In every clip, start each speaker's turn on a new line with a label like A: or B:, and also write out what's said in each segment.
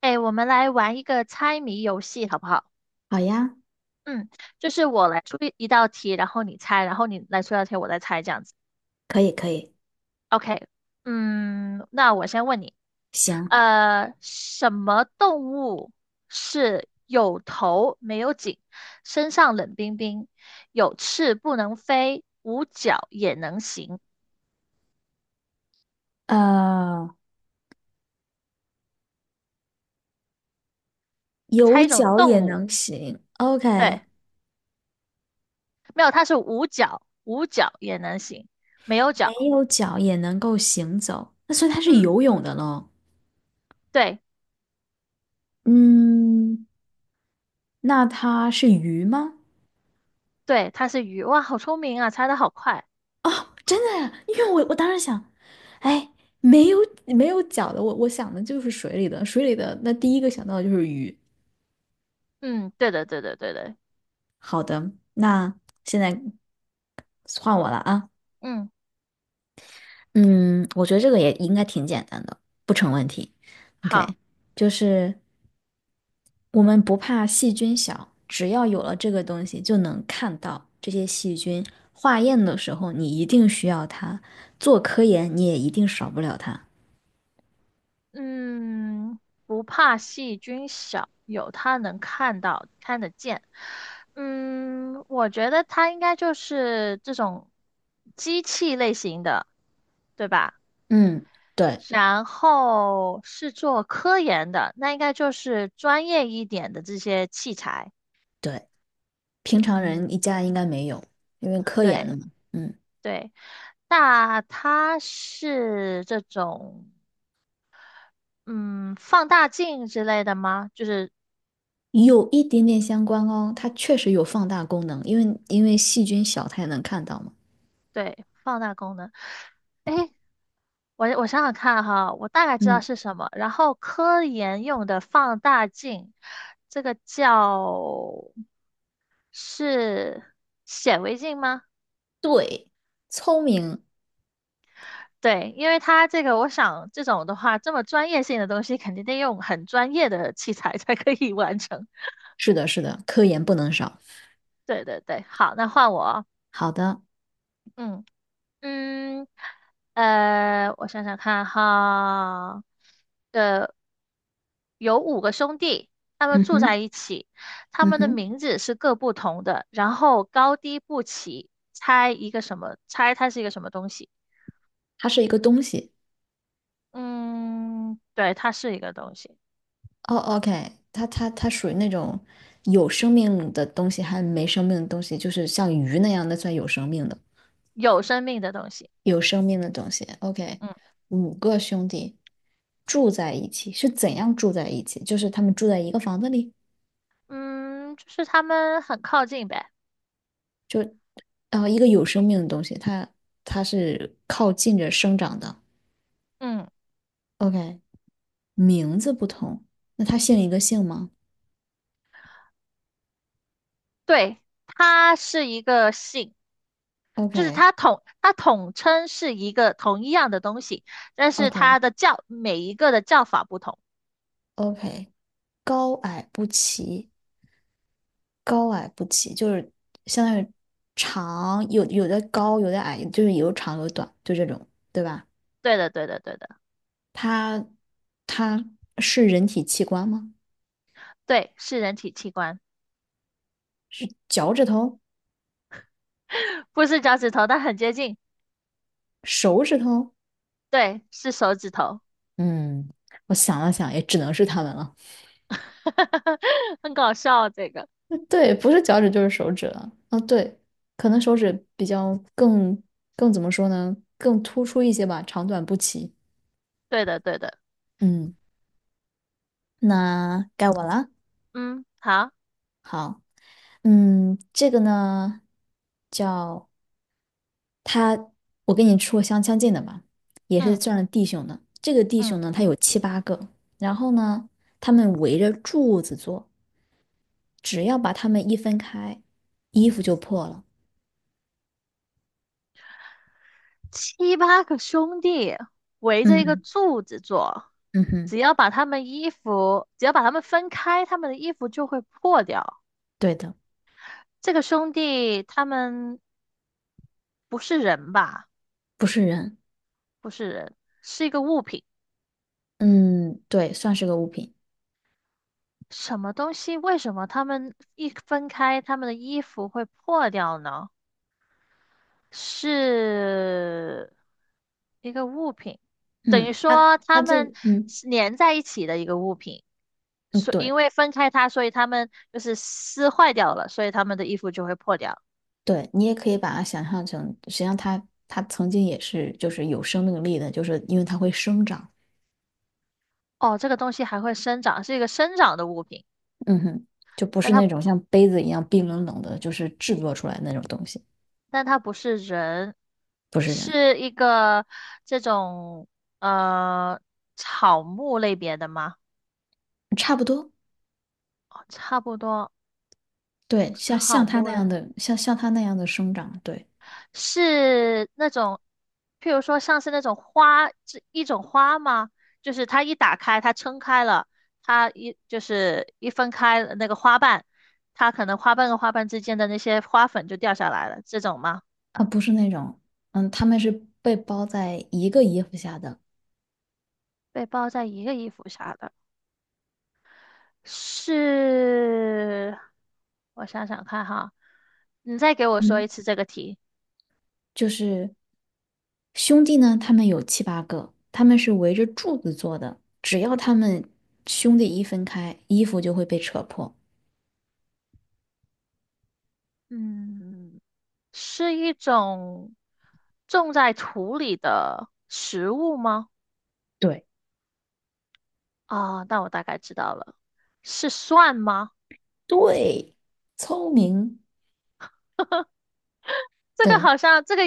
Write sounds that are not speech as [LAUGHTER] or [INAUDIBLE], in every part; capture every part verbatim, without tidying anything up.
A: 哎，我们来玩一个猜谜游戏，好不好？
B: 好呀，
A: 嗯，就是我来出一一道题，然后你猜，然后你来出一道题，我再猜，这样子。
B: 可以可以，
A: OK，嗯，那我先问你，
B: 行，
A: 呃，什么动物是有头没有颈，身上冷冰冰，有翅不能飞，无脚也能行？
B: 呃，
A: 猜
B: 有
A: 一种
B: 脚
A: 动
B: 也
A: 物，
B: 能行
A: 对，
B: ，OK，
A: 没有，它是无脚，无脚也能行，没有脚。
B: 没有脚也能够行走，那所以它是
A: 嗯，
B: 游泳的喽。
A: 对。
B: 嗯，那它是鱼吗？
A: 对，它是鱼，哇，好聪明啊，猜的好快。
B: 哦，真的呀，因为我我当时想，哎，没有没有脚的，我我想的就是水里的，水里的，那第一个想到的就是鱼。
A: 嗯，对的，对的，对的。
B: 好的，那现在换我了啊。
A: 嗯，
B: 嗯，我觉得这个也应该挺简单的，不成问题。
A: 好，
B: OK，就是。我们不怕细菌小，只要有了这个东西，就能看到这些细菌。化验的时候，你一定需要它；做科研，你也一定少不了它。
A: 嗯，不怕细菌小，有它能看到、看得见。嗯，我觉得它应该就是这种机器类型的，对吧？
B: 嗯，对
A: 然后是做科研的，那应该就是专业一点的这些器材。
B: 对，平常
A: 嗯，
B: 人一家应该没有，因为科研
A: 对
B: 的嘛。嗯，
A: 对。那它是这种嗯，放大镜之类的吗？就是
B: 有一点点相关哦，它确实有放大功能，因为因为细菌小，它也能看到嘛。
A: 对，放大功能。诶，我我想想看哈，我大概知道
B: 嗯，
A: 是什么。然后科研用的放大镜，这个叫是显微镜吗？
B: 对，聪明，
A: 对，因为它这个，我想这种的话，这么专业性的东西，肯定得用很专业的器材才可以完成。
B: 是的，是的，科研不能少。
A: [LAUGHS] 对对对，好，那换我哦
B: 好的，
A: 嗯。嗯，呃，我想想看哈，呃，有五个兄弟，他们
B: 嗯
A: 住在
B: 哼，
A: 一起，他
B: 嗯
A: 们的
B: 哼，
A: 名字是各不同的，然后高低不齐，猜一个什么？猜它是一个什么东西？
B: 它是一个东西。
A: 嗯，对，它是一个东西，
B: 哦，OK，它它它属于那种有生命的东西，还没生命的东西，就是像鱼那样的算有生命的，
A: 有生命的东西。
B: 有生命的东西。OK，
A: 嗯
B: 五个兄弟住在一起，是怎样住在一起？就是他们住在一个房子里，
A: 嗯，就是他们很靠近呗。
B: 然后一个有生命的东西，它它是靠近着生长的。
A: 嗯，
B: OK，名字不同，那他姓一个姓吗
A: 对，它是一个姓。就是
B: ？OK，OK，OK，
A: 它统它统称是一个同一样的东西，但是它的叫每一个的叫法不同。
B: 高矮不齐。高矮不齐，就是相当于长有有的高，有的矮，就是有长有短，就这种，对吧？
A: 对的，对的，对的，
B: 它它是人体器官吗？
A: 对，是人体器官，
B: 是脚趾头、
A: [LAUGHS] 不是脚趾头，但很接近。
B: 手指头？
A: 对，是手指头，
B: 嗯，我想了想，也只能是它们了。
A: [LAUGHS] 很搞笑啊这个。
B: [LAUGHS] 对，不是脚趾就是手指了。啊，对，可能手指比较更更怎么说呢？更突出一些吧，长短不齐。
A: 对的，对的，
B: 嗯，那该我了。
A: 嗯，好，
B: 好，嗯，这个呢叫。他，我跟你说过相相近的吧，也是
A: 嗯
B: 算是弟兄的。这个弟
A: 嗯，
B: 兄呢，他有七八个，然后呢，他们围着柱子坐，只要把他们一分开，衣服就破了。
A: 七八个兄弟围着一个
B: 嗯
A: 柱子坐，
B: 嗯哼，
A: 只要把他们衣服，只要把他们分开，他们的衣服就会破掉。
B: 对的，
A: 这个兄弟他们不是人吧？
B: 不是人。
A: 不是人，是一个物品。
B: 嗯，对，算是个物品。
A: 什么东西？为什么他们一分开，他们的衣服会破掉呢？是一个物品，等于
B: 嗯，他
A: 说
B: 他
A: 他
B: 这，
A: 们
B: 嗯
A: 是粘在一起的一个物品。
B: 嗯，
A: 所
B: 对
A: 因为分开它，所以他们就是撕坏掉了，所以他们的衣服就会破掉。
B: 对，你也可以把它想象成，实际上他他曾经也是就是有生命力的，就是因为它会生长。
A: 哦，这个东西还会生长，是一个生长的物品，
B: 嗯哼，就不
A: 但
B: 是
A: 它
B: 那种像杯子一样冰冷冷的，就是制作出来的那种东西，
A: 但它不是人，
B: 不是人，
A: 是一个这种呃草木类别的吗？
B: 差不多。
A: 哦差不多，
B: 对，像
A: 草
B: 像他
A: 木
B: 那
A: 类
B: 样的，像像他那样的生长，对，
A: 是那种，譬如说像是那种花，这一种花吗？就是它一打开，它撑开了，它一就是一分开那个花瓣，它可能花瓣跟花瓣之间的那些花粉就掉下来了，这种吗？
B: 啊，不是那种，嗯，他们是被包在一个衣服下的，
A: 被包在一个衣服下的。是，我想想看哈，你再给我说一
B: 嗯，
A: 次这个题。
B: 就是兄弟呢，他们有七八个，他们是围着柱子做的，只要他们兄弟一分开，衣服就会被扯破。
A: 嗯，是一种种在土里的食物吗？
B: 对，
A: 啊、那我大概知道了，是蒜吗？
B: 对，聪明，
A: [LAUGHS] 这个
B: 对，
A: 好像，这个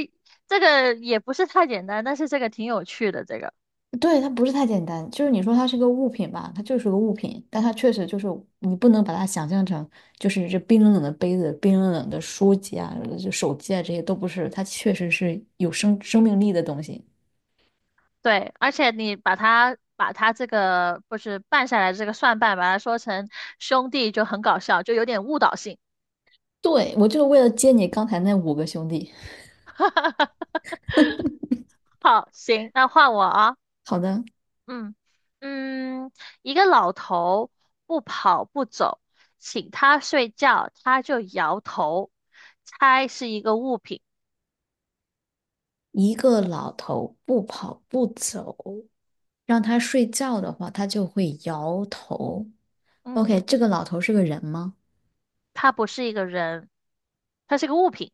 A: 这个也不是太简单，但是这个挺有趣的。这个
B: 对，它不是太简单，就是你说它是个物品吧，它就是个物品，但它确实就是你不能把它想象成就是这冰冷冷的杯子、冰冷冷的书籍啊、就手机啊这些都不是，它确实是有生生命力的东西。
A: 对，而且你把它把它这个不是拌下来这个蒜瓣，把它说成兄弟就很搞笑，就有点误导性。
B: 对，我就是为了接你刚才那五个兄弟。
A: [LAUGHS] 好，行，那换我啊。
B: 好的，
A: 嗯嗯，一个老头不跑不走，请他睡觉，他就摇头。猜是一个物品。
B: 一个老头不跑不走，让他睡觉的话，他就会摇头。
A: 嗯，
B: OK，这个老头是个人吗？
A: 他不是一个人，他是个物品。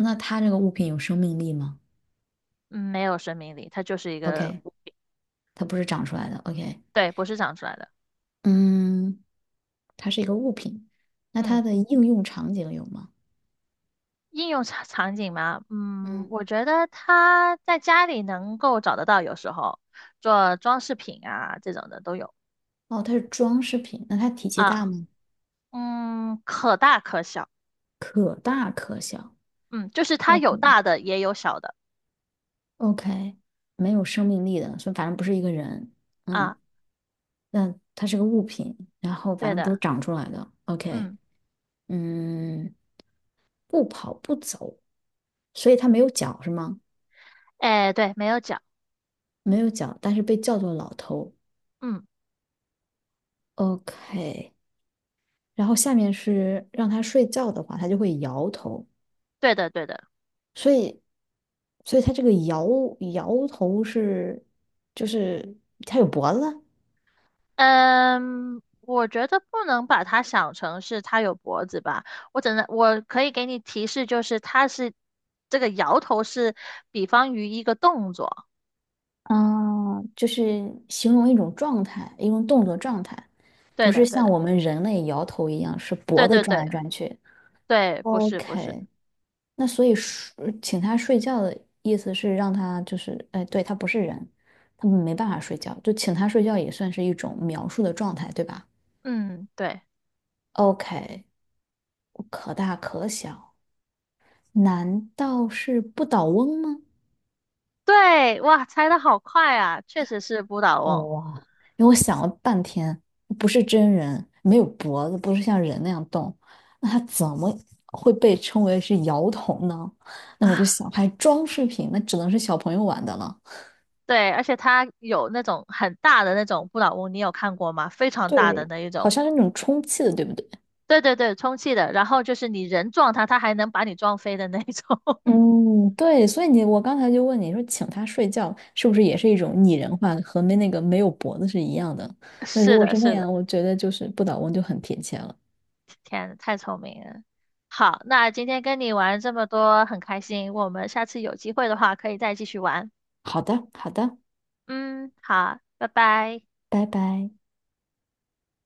B: 那他这个物品有生命力吗
A: 嗯没有生命力，他就是一个
B: ？OK，
A: 物品。
B: 它不是长出来的。OK，
A: 对，不是长出来的。
B: 嗯，它是一个物品，那它
A: 嗯，
B: 的应用场景有吗？
A: 应用场场景嘛，嗯，
B: 嗯
A: 我觉得他在家里能够找得到，有时候做装饰品啊这种的都有
B: 哦，它是装饰品，那它体积大
A: 啊。
B: 吗？
A: 嗯，可大可小。
B: 可大可小。
A: 嗯，就是它有
B: ，OK，
A: 大的也有小的
B: OK，没有生命力的，所以反正不是一个人。嗯，
A: 啊，
B: 那它是个物品，然后反
A: 对
B: 正不是
A: 的，
B: 长出来的。OK，
A: 嗯，
B: 嗯，不跑不走，所以它没有脚是吗？
A: 哎，对，没有脚，
B: 没有脚，但是被叫做老头。
A: 嗯，
B: OK，然后下面是让它睡觉的话，它就会摇头。
A: 对的，对的，
B: 所以，所以它这个摇摇头是，就是它有脖子，
A: 嗯，我觉得不能把它想成是它有脖子吧，我只能我可以给你提示，就是它是这个摇头是比方于一个动作，
B: 啊，就是形容一种状态，一种动作状态，不
A: 对
B: 是
A: 的，对
B: 像
A: 的，
B: 我们人类摇头一样，是
A: 对
B: 脖子
A: 对
B: 转
A: 对
B: 来转去。
A: 对，不是不是，
B: OK，那所以睡请他睡觉的意思是让他就是，哎，对，他不是人，他们没办法睡觉，就请他睡觉也算是一种描述的状态，对吧
A: 嗯，对
B: ？OK，可大可小，难道是不倒翁吗？
A: 对，哇，猜的好快啊，确实是不倒
B: 哦
A: 翁，
B: 哇，因为我想了半天，不是真人，没有脖子，不是像人那样动，那它怎么会被称为是摇头呢？那我就
A: [LAUGHS]
B: 想，还装饰品，那只能是小朋友玩的了。
A: 对，而且它有那种很大的那种不倒翁，你有看过吗？非常大的
B: 对，
A: 那一
B: 好
A: 种。
B: 像是那种充气的，对不对？
A: 对对对，充气的，然后就是你人撞它，它还能把你撞飞的那一种。[LAUGHS]
B: 嗯，对，所以你我刚才就问你说，请他睡觉是不是也是一种拟人化，和没那个没有脖子是一样的？那如
A: 是
B: 果
A: 的，
B: 是那
A: 是的，
B: 样，我觉得就是不倒翁就很贴切了。
A: 天，太聪明了。好，那今天跟你玩这么多，很开心。我们下次有机会的话，可以再继续玩。
B: 好的，好的，
A: 嗯，好，拜拜。
B: 拜拜。